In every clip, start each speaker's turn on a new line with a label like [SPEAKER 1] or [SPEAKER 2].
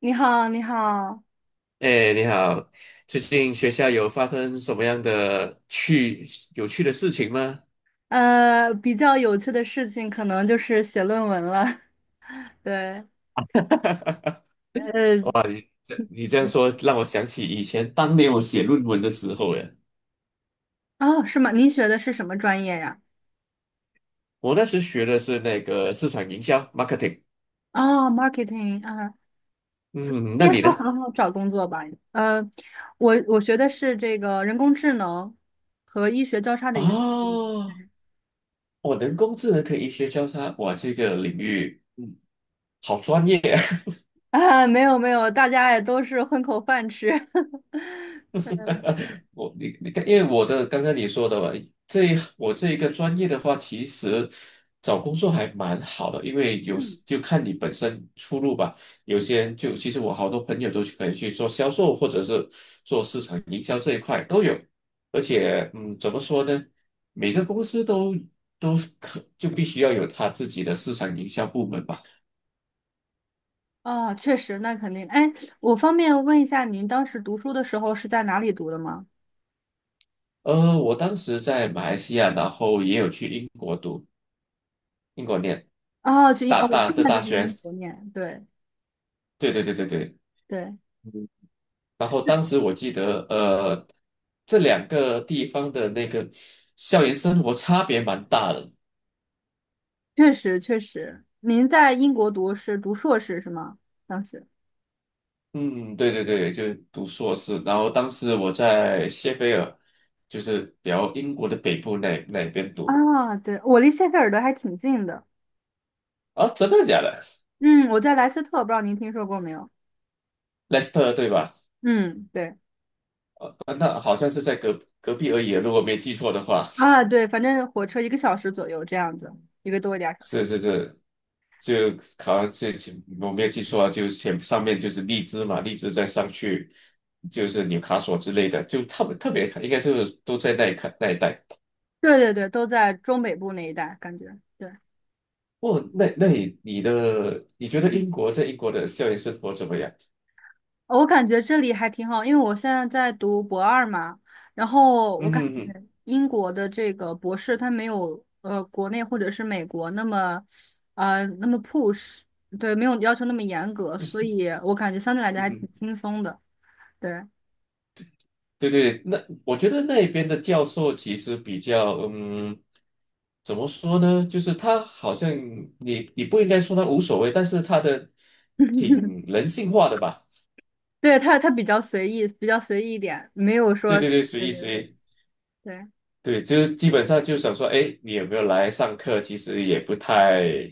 [SPEAKER 1] 你好，你好，
[SPEAKER 2] 哎，你好，最近学校有发生什么样的有趣的事情吗？
[SPEAKER 1] 比较有趣的事情可能就是写论文了。对，呃，
[SPEAKER 2] 哇，你这样说让我想起以前当年我写论文的时候耶，
[SPEAKER 1] 哦，是吗？您学的是什么专业呀？
[SPEAKER 2] 我那时学的是那个市场营销 marketing。
[SPEAKER 1] 哦，marketing 啊，
[SPEAKER 2] 嗯，那
[SPEAKER 1] 应该
[SPEAKER 2] 你呢？
[SPEAKER 1] 说很好找工作吧？呃，我学的是这个人工智能和医学交叉的一个领域
[SPEAKER 2] 哦，我人工智能可以医学交叉，哇，这个领域好专业。
[SPEAKER 1] 啊，没有没有，大家也都是混口饭吃。
[SPEAKER 2] 你看，因为我的刚刚你说的吧，这一我这一个专业的话，其实找工作还蛮好的，因为有时
[SPEAKER 1] 嗯，
[SPEAKER 2] 就看你本身出路吧。有些人就其实我好多朋友可以去做销售，或者是做市场营销这一块都有。而且，嗯，怎么说呢？每个公司都必须要有他自己的市场营销部门吧。
[SPEAKER 1] 啊，确实，那肯定。哎，我方便问一下，您当时读书的时候是在哪里读的吗？
[SPEAKER 2] 我当时在马来西亚，然后也有去英国读，英国念
[SPEAKER 1] 哦，去英，哦，我现在
[SPEAKER 2] 大
[SPEAKER 1] 就是英
[SPEAKER 2] 学。
[SPEAKER 1] 国念，对
[SPEAKER 2] 对对对对对。
[SPEAKER 1] 对，
[SPEAKER 2] 然后当时我记得，这两个地方的那个校园生活差别蛮大的。
[SPEAKER 1] 确实确实。您在英国读是读硕士是吗？当时
[SPEAKER 2] 嗯，对对对，就是读硕士。然后当时我在谢菲尔，就是比较英国的北部那边读。
[SPEAKER 1] 啊，对，我离谢菲尔德还挺近的。
[SPEAKER 2] 啊，真的假的？
[SPEAKER 1] 嗯，我在莱斯特，不知道您听说过没有？
[SPEAKER 2] 莱斯特对吧？
[SPEAKER 1] 嗯，对
[SPEAKER 2] 啊那好像是在隔壁而已啊，如果没记错的话。
[SPEAKER 1] 啊，对，反正火车一个小时左右这样子，一个多一点儿小时。
[SPEAKER 2] 是是是，就考像是前我没有记错啊，就是前上面就是荔枝嘛，荔枝再上去就是纽卡索之类的，就特别特别应该是都在那一带。
[SPEAKER 1] 对对对，都在中北部那一带，感觉对。
[SPEAKER 2] 哦，那那你你的你觉得在英国的校园生活怎么样？
[SPEAKER 1] 哦我感觉这里还挺好，因为我现在在读博二嘛，然后我
[SPEAKER 2] 嗯
[SPEAKER 1] 感
[SPEAKER 2] 哼嗯
[SPEAKER 1] 觉英国的这个博士他没有国内或者是美国那么那么 push，对，没有要求那么严格，所以我感觉相对来讲
[SPEAKER 2] 哼，嗯
[SPEAKER 1] 还挺
[SPEAKER 2] 哼，
[SPEAKER 1] 轻松的，对，
[SPEAKER 2] 对对，那我觉得那边的教授其实比较。怎么说呢？就是他好像你不应该说他无所谓，但是他的挺 人性化的吧。
[SPEAKER 1] 对他比较随意，比较随意一点，没有
[SPEAKER 2] 对
[SPEAKER 1] 说，
[SPEAKER 2] 对
[SPEAKER 1] 对
[SPEAKER 2] 对，随意
[SPEAKER 1] 对
[SPEAKER 2] 随
[SPEAKER 1] 对
[SPEAKER 2] 意，
[SPEAKER 1] 对
[SPEAKER 2] 对，就基本上就想说，哎，你有没有来上课？其实也不太、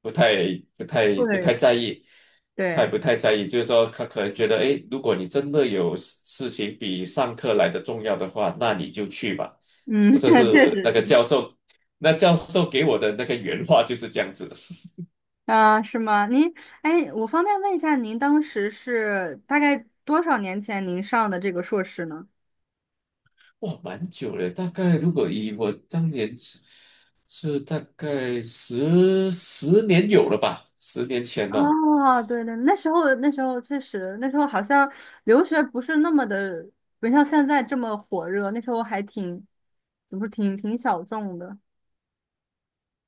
[SPEAKER 2] 不太、不太、不
[SPEAKER 1] 对
[SPEAKER 2] 太在意，太
[SPEAKER 1] 对，
[SPEAKER 2] 不太在意。就是说，他可能觉得，哎，如果你真的事情比上课来的重要的话，那你就去吧。
[SPEAKER 1] 嗯，
[SPEAKER 2] 我这
[SPEAKER 1] 确
[SPEAKER 2] 是那
[SPEAKER 1] 实
[SPEAKER 2] 个教授，那教授给我的那个原话就是这样子。
[SPEAKER 1] 啊，是吗？您，哎，我方便问一下，您当时是大概多少年前您上的这个硕士呢？
[SPEAKER 2] 哇，蛮久了，大概如果以我当年是大概十年有了吧，10年前哦。
[SPEAKER 1] 哦，对对，那时候那时候确实，那时候好像留学不是那么的，不像现在这么火热，那时候还挺，怎么说，挺挺小众的。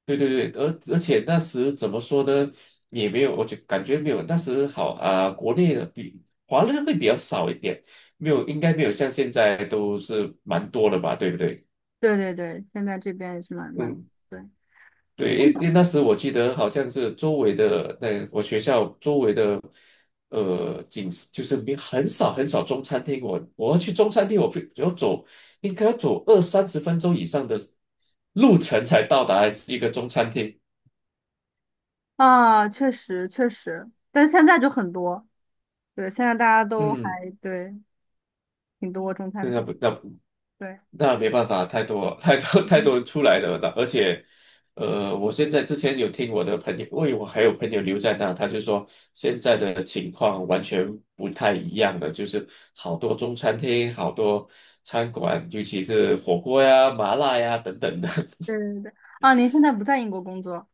[SPEAKER 2] 对对对，而且那时怎么说呢，也没有，我就感觉没有那时好啊、国内的比华人会比较少一点，没有，应该没有像现在都是蛮多的吧，对不对？
[SPEAKER 1] 对对对，现在这边也是蛮蛮，
[SPEAKER 2] 嗯，
[SPEAKER 1] 对，对
[SPEAKER 2] 对，因为那时我记得好像是周围的，那我学校周围的，景色就是没很少很少中餐厅，我要去中餐厅，我非要走应该要走二三十分钟以上的路程才到达一个中餐厅。
[SPEAKER 1] 啊，确实确实，但是现在就很多，对，现在大家都
[SPEAKER 2] 嗯，
[SPEAKER 1] 还对挺多中餐
[SPEAKER 2] 那
[SPEAKER 1] 厅，
[SPEAKER 2] 不那不。
[SPEAKER 1] 对。
[SPEAKER 2] 那没办法，太多 太多太多人出来了，那而且，我现在之前有听我的朋友，因为我还有朋友留在那，他就说现在的情况完全不太一样了，就是好多中餐厅、好多餐馆，尤其是火锅呀、麻辣呀等等的。
[SPEAKER 1] 对对对，啊，您现在不在英国工作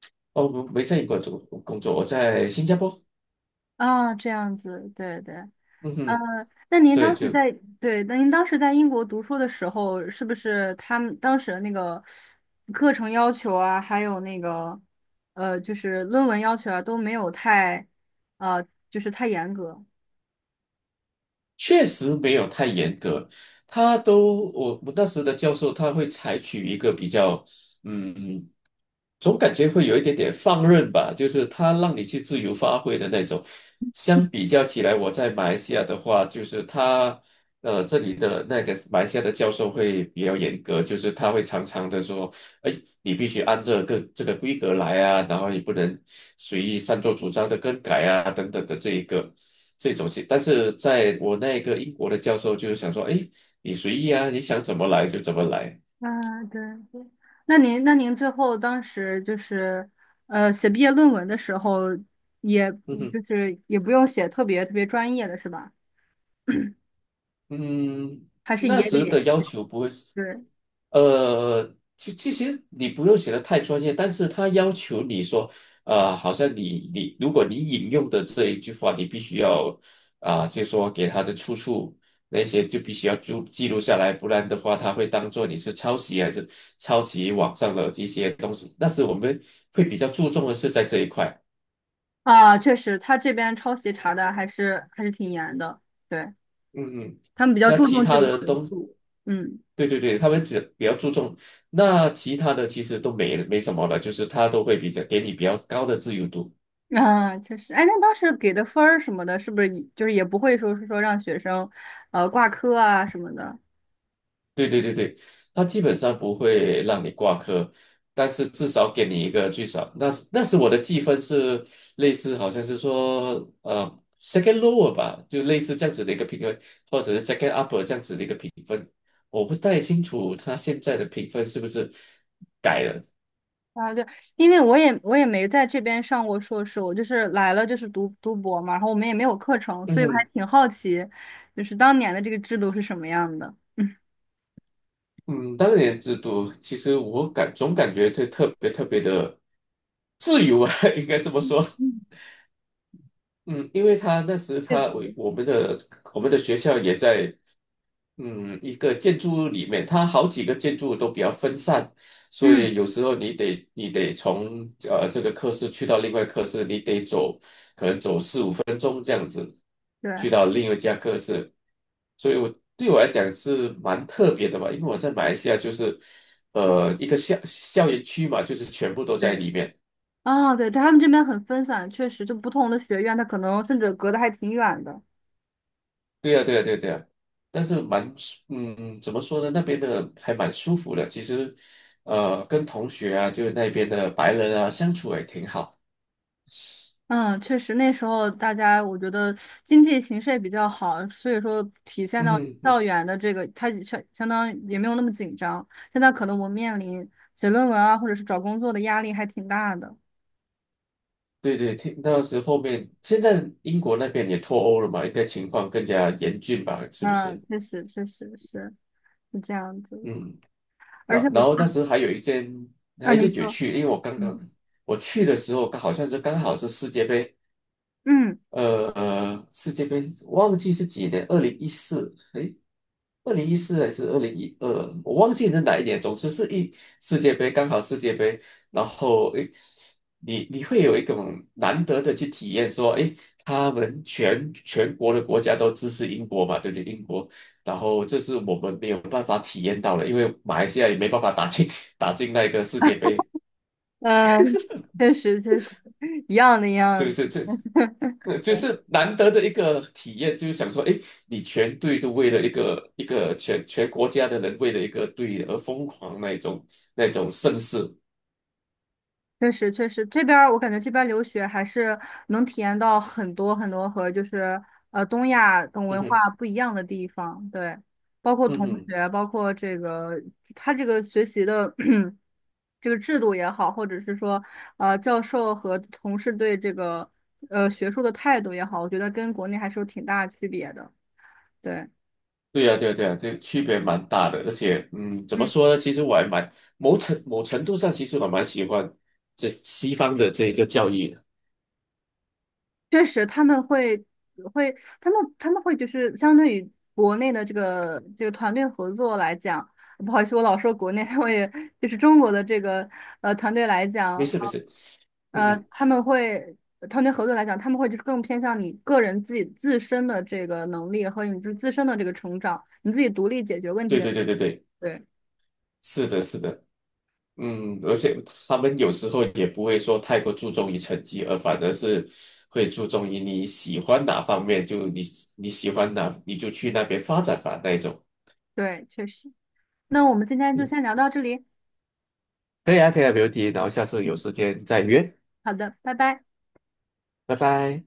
[SPEAKER 2] 哦，我没在英国做工作，我在新加坡，
[SPEAKER 1] 啊，这样子，对对，
[SPEAKER 2] 嗯哼，
[SPEAKER 1] 那您
[SPEAKER 2] 所
[SPEAKER 1] 当
[SPEAKER 2] 以
[SPEAKER 1] 时
[SPEAKER 2] 就
[SPEAKER 1] 在，对，那您当时在英国读书的时候，是不是他们当时的那个课程要求啊，还有那个就是论文要求啊，都没有太呃，就是太严格？
[SPEAKER 2] 确实没有太严格，他都我我那时的教授他会采取一个比较，嗯，总感觉会有一点点放任吧，就是他让你去自由发挥的那种。相比较起来，我在马来西亚的话，就是这里的那个马来西亚的教授会比较严格，就是他会常常的说。哎，你必须按这个规格来啊，然后你不能随意擅作主张的更改啊，等等的这一个这种事。但是在我那个英国的教授就是想说，哎，你随意啊，你想怎么来就怎么来。
[SPEAKER 1] 啊，对对。那您那您最后当时就是写毕业论文的时候也，
[SPEAKER 2] 哼哼。
[SPEAKER 1] 就是也不用写特别特别专业的是吧？
[SPEAKER 2] 嗯，
[SPEAKER 1] 还是
[SPEAKER 2] 那
[SPEAKER 1] 也
[SPEAKER 2] 时
[SPEAKER 1] 得。
[SPEAKER 2] 的要求不会，
[SPEAKER 1] 对。
[SPEAKER 2] 其实你不用写的太专业，但是他要求你说，好像如果你引用的这一句话，你必须要啊、就说给他的出处那些就必须要记录下来，不然的话他会当做你是抄袭网上的一些东西。那时我们会比较注重的是在这一块，
[SPEAKER 1] 啊，确实，他这边抄袭查的还是还是挺严的，对，
[SPEAKER 2] 嗯嗯。
[SPEAKER 1] 他们比较
[SPEAKER 2] 那
[SPEAKER 1] 注
[SPEAKER 2] 其
[SPEAKER 1] 重这
[SPEAKER 2] 他
[SPEAKER 1] 个
[SPEAKER 2] 的
[SPEAKER 1] 学
[SPEAKER 2] 东
[SPEAKER 1] 术，嗯，
[SPEAKER 2] 对对对，他们只比较注重，那其他的其实都没什么了，就是他都会比较给你比较高的自由度。
[SPEAKER 1] 啊，确实，哎，那当时给的分儿什么的，是不是也就是也不会说是说让学生，挂科啊什么的
[SPEAKER 2] 对对对对，他基本上不会让你挂科，但是至少给你一个最少，那是我的计分是类似，好像是说second lower 吧，就类似这样子的一个评分，或者是 second upper 这样子的一个评分。我不太清楚他现在的评分是不是改了。
[SPEAKER 1] 啊？对，因为我也没在这边上过硕士，我就是来了就是读读博嘛，然后我们也没有课程，所以我还
[SPEAKER 2] 嗯，
[SPEAKER 1] 挺好奇，就是当年的这个制度是什么样的，嗯
[SPEAKER 2] 嗯，当年制度其实总感觉这特别特别的自由啊，应该这么说。嗯，因为他那时他我我们的我们的学校也在一个建筑物里面，它好几个建筑都比较分散，所
[SPEAKER 1] 嗯，
[SPEAKER 2] 以有时候你得从这个科室去到另外科室，你得走
[SPEAKER 1] 对。
[SPEAKER 2] 去到另一家科室，所以对我来讲是蛮特别的吧，因为我在马来西亚就是一个校园区嘛，就是全部都在
[SPEAKER 1] 对。
[SPEAKER 2] 里面。
[SPEAKER 1] 啊，对对，他们这边很分散，确实，就不同的学院，它可能甚至隔得还挺远的。
[SPEAKER 2] 对呀，对呀，对呀，对呀，但是蛮舒，嗯，怎么说呢？那边的还蛮舒服的。其实，跟同学啊，就是那边的白人啊，相处也挺好。
[SPEAKER 1] 嗯，确实，那时候大家我觉得经济形势也比较好，所以说体现到
[SPEAKER 2] 嗯，嗯
[SPEAKER 1] 校园的这个，它也相当于也没有那么紧张。现在可能我们面临写论文啊，或者是找工作的压力还挺大的。
[SPEAKER 2] 对对，听那时后面，现在英国那边也脱欧了嘛，应该情况更加严峻吧？是不
[SPEAKER 1] 啊，
[SPEAKER 2] 是？
[SPEAKER 1] 确实，确实是是这样子。
[SPEAKER 2] 嗯，
[SPEAKER 1] 而
[SPEAKER 2] 那
[SPEAKER 1] 且我
[SPEAKER 2] 然
[SPEAKER 1] 现
[SPEAKER 2] 后那时候还有一件，
[SPEAKER 1] 啊，
[SPEAKER 2] 还
[SPEAKER 1] 您
[SPEAKER 2] 是有
[SPEAKER 1] 说，
[SPEAKER 2] 趣，因为我刚刚
[SPEAKER 1] 嗯
[SPEAKER 2] 我去的时候，刚好是世界杯，
[SPEAKER 1] 嗯
[SPEAKER 2] 世界杯忘记是几年，二零一四，二零一四还是2012，我忘记是哪一年。总之是世界杯，刚好世界杯，然后你会有一种难得的去体验，说，他们全国的国家都支持英国嘛，对不对？英国，然后这是我们没有办法体验到的，因为马来西亚也没办法打进 打进那个世界杯，
[SPEAKER 1] 嗯，确实确实一样的一样
[SPEAKER 2] 就是
[SPEAKER 1] 的。
[SPEAKER 2] 这。就是难得的一个体验，就是想说，哎，你全队都为了一个全国家的人为了一个队而疯狂那一种盛世，
[SPEAKER 1] 确实，确实，这边儿我感觉这边儿留学还是能体验到很多很多和就是东亚等
[SPEAKER 2] 嗯
[SPEAKER 1] 文
[SPEAKER 2] 哼，
[SPEAKER 1] 化不一样的地方，对，包括
[SPEAKER 2] 嗯
[SPEAKER 1] 同
[SPEAKER 2] 哼，
[SPEAKER 1] 学，包括这个他这个学习的 这个制度也好，或者是说教授和同事对这个学术的态度也好，我觉得跟国内还是有挺大区别的，对。
[SPEAKER 2] 对呀，对呀，对呀，这区别蛮大的，而且，嗯，怎么说呢？其实我还蛮某程某程度上，其实我蛮喜欢这西方的这一个教育的。
[SPEAKER 1] 确实，他们会会，他们他们会就是相对于国内的这个这个团队合作来讲，不好意思，我老说国内，我也就是中国的这个团队来
[SPEAKER 2] 没
[SPEAKER 1] 讲，
[SPEAKER 2] 事，没事，嗯哼，
[SPEAKER 1] 他们会团队合作来讲，他们会就是更偏向你个人自己自身的这个能力和你自身的这个成长，你自己独立解决问题
[SPEAKER 2] 对
[SPEAKER 1] 的。
[SPEAKER 2] 对对对对，
[SPEAKER 1] 对
[SPEAKER 2] 是的，是的。嗯，而且他们有时候也不会说太过注重于成绩，而反而是会注重于你喜欢哪方面，就你喜欢哪，你就去那边发展吧那一种。
[SPEAKER 1] 对，确实。那我们今天就
[SPEAKER 2] 嗯，
[SPEAKER 1] 先聊到这里，
[SPEAKER 2] 可以啊，可以啊，没问题。然后下次有时间再约，
[SPEAKER 1] 好的，拜拜。
[SPEAKER 2] 拜拜。